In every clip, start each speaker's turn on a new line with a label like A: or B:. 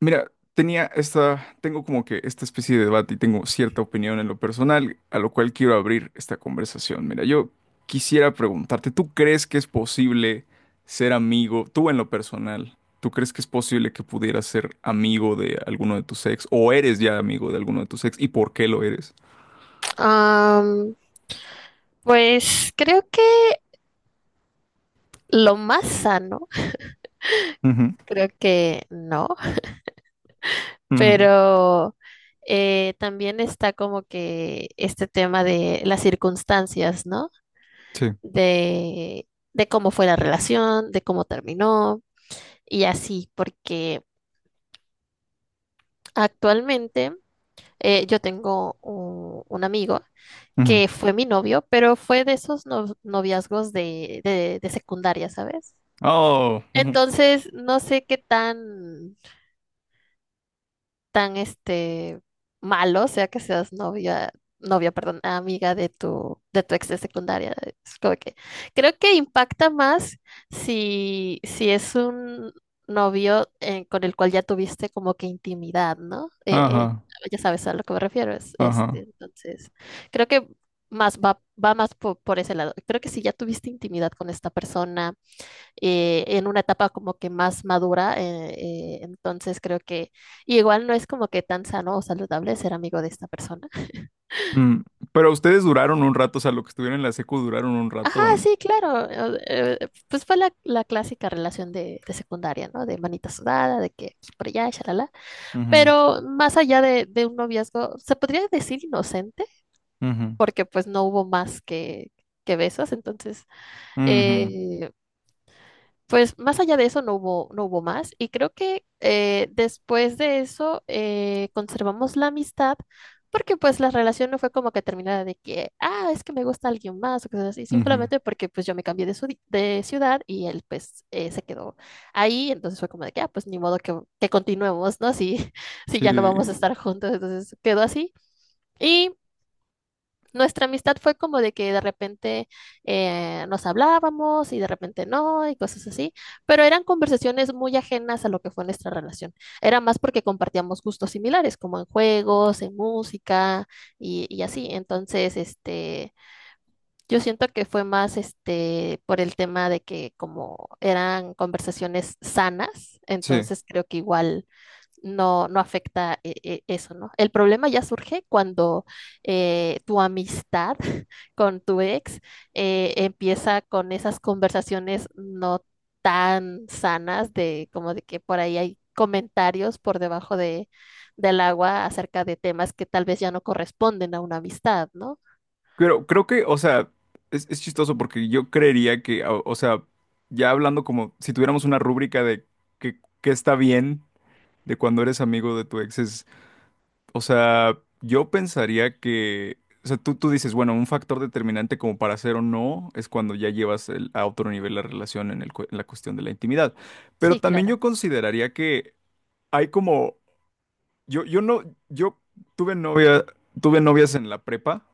A: Mira, tenía esta, tengo como que esta especie de debate y tengo cierta opinión en lo personal, a lo cual quiero abrir esta conversación. Mira, yo quisiera preguntarte, ¿tú crees que es posible ser amigo, tú en lo personal, ¿tú crees que es posible que pudieras ser amigo de alguno de tus ex o eres ya amigo de alguno de tus ex y por qué lo eres?
B: Am, pues creo que lo más sano,
A: Ujú,
B: creo que no,
A: ujú,
B: pero también está como que este tema de las circunstancias, ¿no?
A: sí.
B: De cómo fue la relación, de cómo terminó y así, porque actualmente yo tengo un amigo
A: Ujú.
B: que fue mi novio, pero fue de esos noviazgos de secundaria, ¿sabes?
A: Oh, ujú,
B: Entonces, no sé qué tan, tan este malo sea que seas novia, novia, perdón, amiga de tu ex de secundaria. Es como que, creo que impacta más si, si es un novio con el cual ya tuviste como que intimidad, ¿no?
A: ajá,
B: Ya sabes a lo que me refiero. Es, este,
A: ajá.
B: entonces, creo que más va, va más por ese lado. Creo que si ya tuviste intimidad con esta persona en una etapa como que más madura. Entonces creo que igual no es como que tan sano o saludable ser amigo de esta persona.
A: Mm. Pero ustedes duraron un rato, o sea, lo que estuvieron en la secu duraron un rato.
B: Ajá,
A: ¿O no?
B: sí, claro. Pues fue la, la clásica relación de secundaria, ¿no? De manita sudada, de que aquí por allá, shalala.
A: Ujú,
B: Pero más allá de un noviazgo, se podría decir inocente,
A: ujú.
B: porque pues no hubo más que besos. Entonces,
A: Ujú,
B: eh, pues más allá de eso no hubo, no hubo más y creo que después de eso conservamos la amistad porque pues la relación no fue como que terminara de que, ah, es que me gusta alguien más o cosas así,
A: ujú.
B: simplemente porque pues yo me cambié de, de ciudad y él pues se quedó ahí, entonces fue como de que, ah, pues ni modo que continuemos, ¿no? Si, si ya no vamos a
A: Sí,
B: estar juntos, entonces quedó así. Y nuestra amistad fue como de que de repente nos hablábamos y de repente no y cosas así, pero eran conversaciones muy ajenas a lo que fue nuestra relación. Era más porque compartíamos gustos similares, como en juegos, en música y así. Entonces, este, yo siento que fue más este por el tema de que como eran conversaciones sanas,
A: sí.
B: entonces creo que igual no, no afecta eso, ¿no? El problema ya surge cuando tu amistad con tu ex empieza con esas conversaciones no tan sanas de como de que por ahí hay comentarios por debajo de, del agua acerca de temas que tal vez ya no corresponden a una amistad, ¿no?
A: Pero creo que, o sea, es chistoso porque yo creería que, o sea, ya hablando como si tuviéramos una rúbrica de qué está bien de cuando eres amigo de tu ex, es, o sea, yo pensaría que, o sea, tú dices, bueno, un factor determinante como para hacer o no es cuando ya llevas el- a otro nivel la relación en el cu- en la cuestión de la intimidad. Pero
B: Sí,
A: también
B: claro.
A: yo consideraría que hay como Yo no, yo tuve novia, tuve novias en la prepa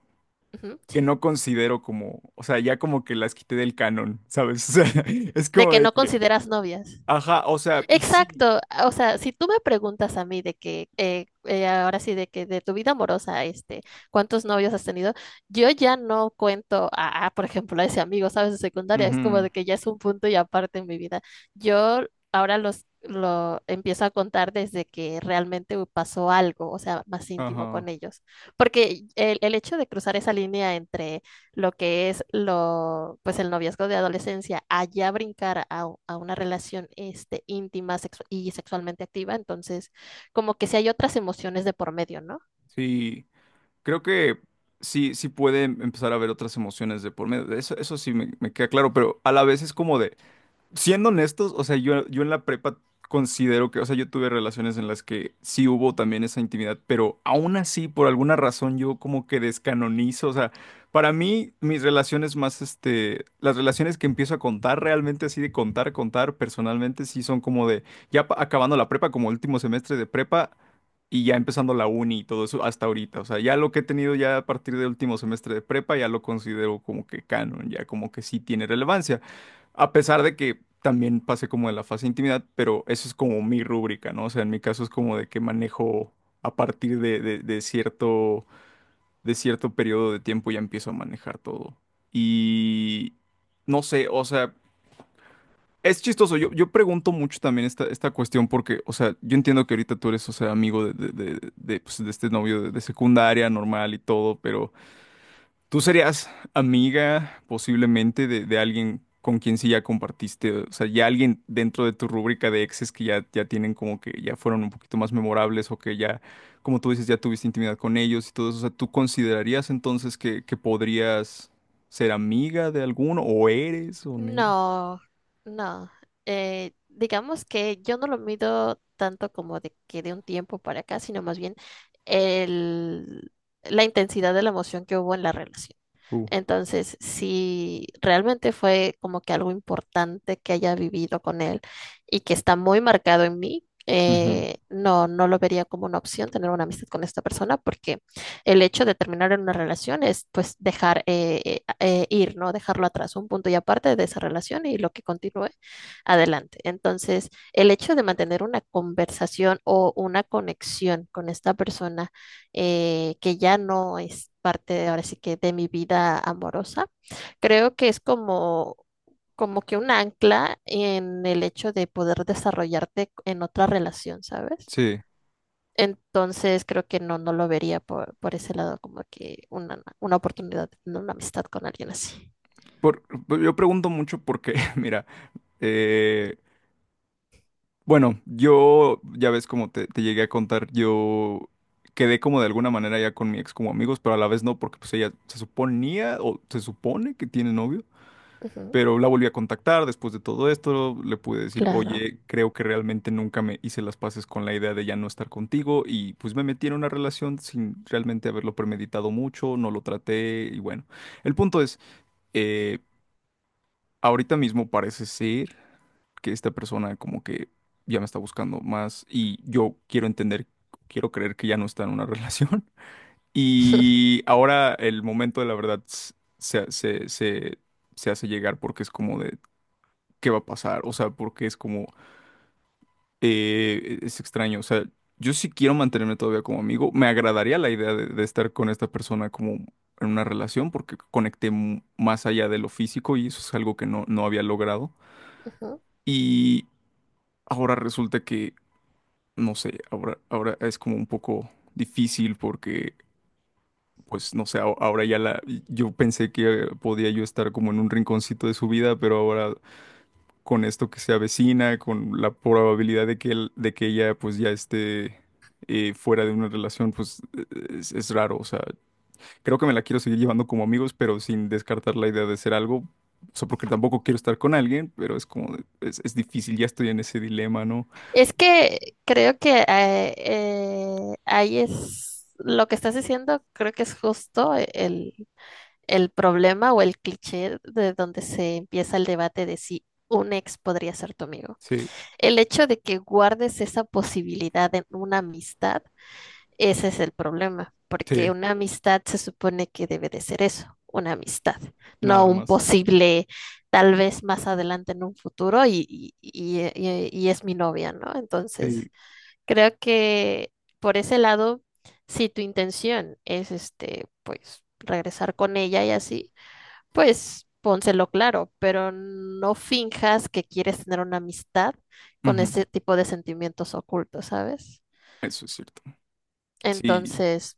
B: Ujú,
A: que
B: sí.
A: no considero como, o sea, ya como que las quité del canon, ¿sabes? O sea, es
B: De
A: como
B: que
A: de
B: no
A: que,
B: consideras novias.
A: ajá, o sea, y sí,
B: Exacto, o sea, si tú me preguntas a mí de que, ahora sí, de que de tu vida amorosa, este, ¿cuántos novios has tenido? Yo ya no cuento a, por ejemplo, a ese amigo, ¿sabes? De secundaria, es como
A: ujú,
B: de que ya es un punto y aparte en mi vida. Yo ahora los, lo empiezo a contar desde que realmente pasó algo, o sea, más íntimo
A: ajá,
B: con ellos, porque el hecho de cruzar esa línea entre lo que es lo, pues el noviazgo de adolescencia, allá brincar a una relación este, íntima y sexualmente activa, entonces como que si hay otras emociones de por medio, ¿no?
A: sí, creo que sí, sí puede empezar a haber otras emociones de por medio, eso sí me queda claro, pero a la vez es como de, siendo honestos, o sea, yo en la prepa considero que, o sea, yo tuve relaciones en las que sí hubo también esa intimidad, pero aún así, por alguna razón, yo como que descanonizo, o sea, para mí, mis relaciones más, este, las relaciones que empiezo a contar realmente así de contar, contar personalmente, sí son como de, ya pa- acabando la prepa, como último semestre de prepa, y ya empezando la uni y todo eso hasta ahorita. O sea, ya lo que he tenido ya a partir del último semestre de prepa, ya lo considero como que canon, ya como que sí tiene relevancia. A pesar de que también pasé como de la fase de intimidad, pero eso es como mi rúbrica, ¿no? O sea, en mi caso es como de que manejo a partir de cierto periodo de tiempo ya empiezo a manejar todo. Y no sé, o sea, es chistoso. Yo pregunto mucho también esta cuestión porque, o sea, yo entiendo que ahorita tú eres, o sea, amigo de, pues, de este novio de secundaria, normal y todo, pero... ¿Tú serías amiga posiblemente de alguien con quien sí ya compartiste? O sea, ya alguien dentro de tu rúbrica de exes que ya, ya tienen como que ya fueron un poquito más memorables o que ya, como tú dices, ya tuviste intimidad con ellos y todo eso. O sea, ¿tú considerarías entonces que podrías ser amiga de alguno o eres o ne-
B: No, no. Digamos que yo no lo mido tanto como de que de un tiempo para acá, sino más bien el, la intensidad de la emoción que hubo en la relación.
A: Uh,
B: Entonces, si realmente fue como que algo importante que haya vivido con él y que está muy marcado en mí,
A: ujú,
B: no, no lo vería como una opción tener una amistad con esta persona porque el hecho de terminar en una relación es pues dejar ir, ¿no? Dejarlo atrás, un punto y aparte de esa relación y lo que continúe adelante. Entonces, el hecho de mantener una conversación o una conexión con esta persona que ya no es parte de ahora sí que de mi vida amorosa. Creo que es como, como que un ancla en el hecho de poder desarrollarte en otra relación, ¿sabes?
A: sí.
B: Entonces creo que no, no lo vería por ese lado como que una oportunidad, no una amistad con alguien así.
A: Por, yo pregunto mucho porque, mira, eh, bueno, yo, ya ves como te llegué a contar, yo quedé como de alguna manera ya con mi ex como amigos, pero a la vez no, porque pues ella se suponía o se supone que tiene novio,
B: Ujú,
A: pero la volví a contactar después de todo esto, le pude decir,
B: claro.
A: oye, creo que realmente nunca me hice las paces con la idea de ya no estar contigo y pues me metí en una relación sin realmente haberlo premeditado mucho, no lo traté y bueno, el punto es... eh, ahorita mismo parece ser que esta persona como que ya me está buscando más y yo quiero entender, quiero creer que ya no está en una relación. Y ahora el momento de la verdad s- se hace llegar porque es como de, ¿qué va a pasar? O sea, porque es como, es extraño. O sea, yo sí quiero mantenerme todavía como amigo. Me agradaría la idea de estar con esta persona como en una relación porque conecté mu- más allá de lo físico y eso es algo que no, no había logrado.
B: Ujú.
A: Y ahora resulta que, no sé, ahora, ahora es como un poco difícil porque, pues, no sé, a- ahora ya la, yo pensé que podía yo estar como en un rinconcito de su vida, pero ahora con esto que se avecina, con la probabilidad de que él, de que ella, pues, ya esté fuera de una relación, pues, es raro. O sea, creo que me la quiero seguir llevando como amigos, pero sin descartar la idea de ser algo. O sea, porque tampoco quiero estar con alguien, pero es como, es difícil, ya estoy en ese dilema, ¿no?
B: Es que creo que ahí es lo que estás diciendo, creo que es justo el problema o el cliché de donde se empieza el debate de si un ex podría ser tu amigo.
A: Sí.
B: El hecho de que guardes esa posibilidad en una amistad, ese es el problema, porque
A: Sí,
B: una amistad se supone que debe de ser eso, una amistad, no
A: nada
B: un
A: más.
B: posible, tal vez más adelante en un futuro y es mi novia, ¿no? Entonces,
A: Sí,
B: creo que por ese lado, si tu intención es este, pues regresar con ella y así, pues pónselo claro, pero no finjas que quieres tener una amistad con
A: ujú.
B: ese tipo de sentimientos ocultos, ¿sabes?
A: Eso es cierto. Sí,
B: Entonces,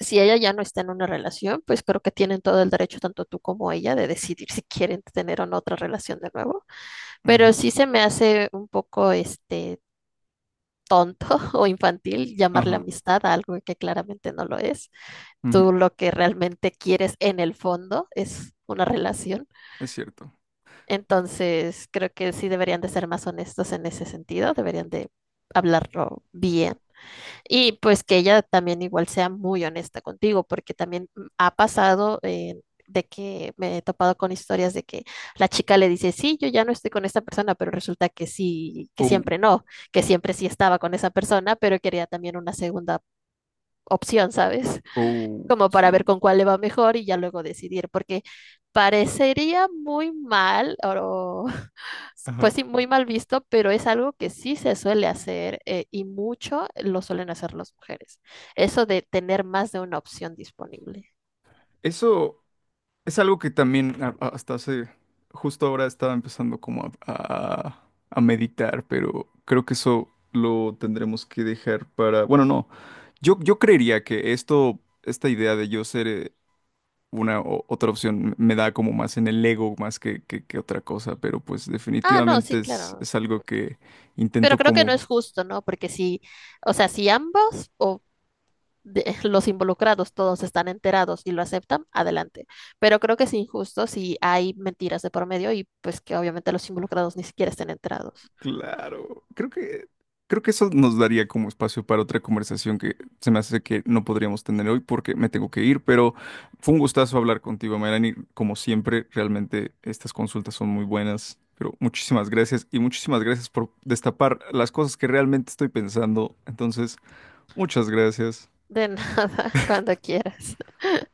B: si ella ya no está en una relación, pues creo que tienen todo el derecho, tanto tú como ella, de decidir si quieren tener o no otra relación de nuevo.
A: ujú.
B: Pero sí se me hace un poco este tonto o infantil llamarle
A: Ajá,
B: amistad a algo que claramente no lo es.
A: ujú.
B: Tú lo que realmente quieres en el fondo es una relación.
A: Es cierto.
B: Entonces, creo que sí deberían de ser más honestos en ese sentido, deberían de hablarlo bien. Y pues que ella también igual sea muy honesta contigo, porque también ha pasado de que me he topado con historias de que la chica le dice, sí, yo ya no estoy con esta persona, pero resulta que sí, que
A: Oh,
B: siempre no, que siempre sí estaba con esa persona, pero quería también una segunda opción, ¿sabes?
A: oh,
B: Como para ver
A: sí,
B: con cuál le va mejor y ya luego decidir, porque parecería muy mal o
A: ajá.
B: pues sí, muy mal visto, pero es algo que sí se suele hacer y mucho lo suelen hacer las mujeres. Eso de tener más de una opción disponible.
A: Eso es algo que también a- hasta hace, justo ahora estaba empezando como a meditar, pero creo que eso lo tendremos que dejar para, bueno, no. Yo creería que esto, esta idea de yo ser una o- otra opción me da como más en el ego más que otra cosa, pero pues
B: Ah, no, sí,
A: definitivamente
B: claro.
A: es algo que intento
B: Pero creo que no
A: como,
B: es justo, ¿no? Porque si, o sea, si ambos o los involucrados todos están enterados y lo aceptan, adelante. Pero creo que es injusto si hay mentiras de por medio y pues que obviamente los involucrados ni siquiera estén enterados.
A: claro, creo que eso nos daría como espacio para otra conversación que se me hace que no podríamos tener hoy porque me tengo que ir, pero fue un gustazo hablar contigo, Melanie, como siempre, realmente estas consultas son muy buenas. Pero muchísimas gracias y muchísimas gracias por destapar las cosas que realmente estoy pensando. Entonces, muchas gracias.
B: De nada, cuando quieras.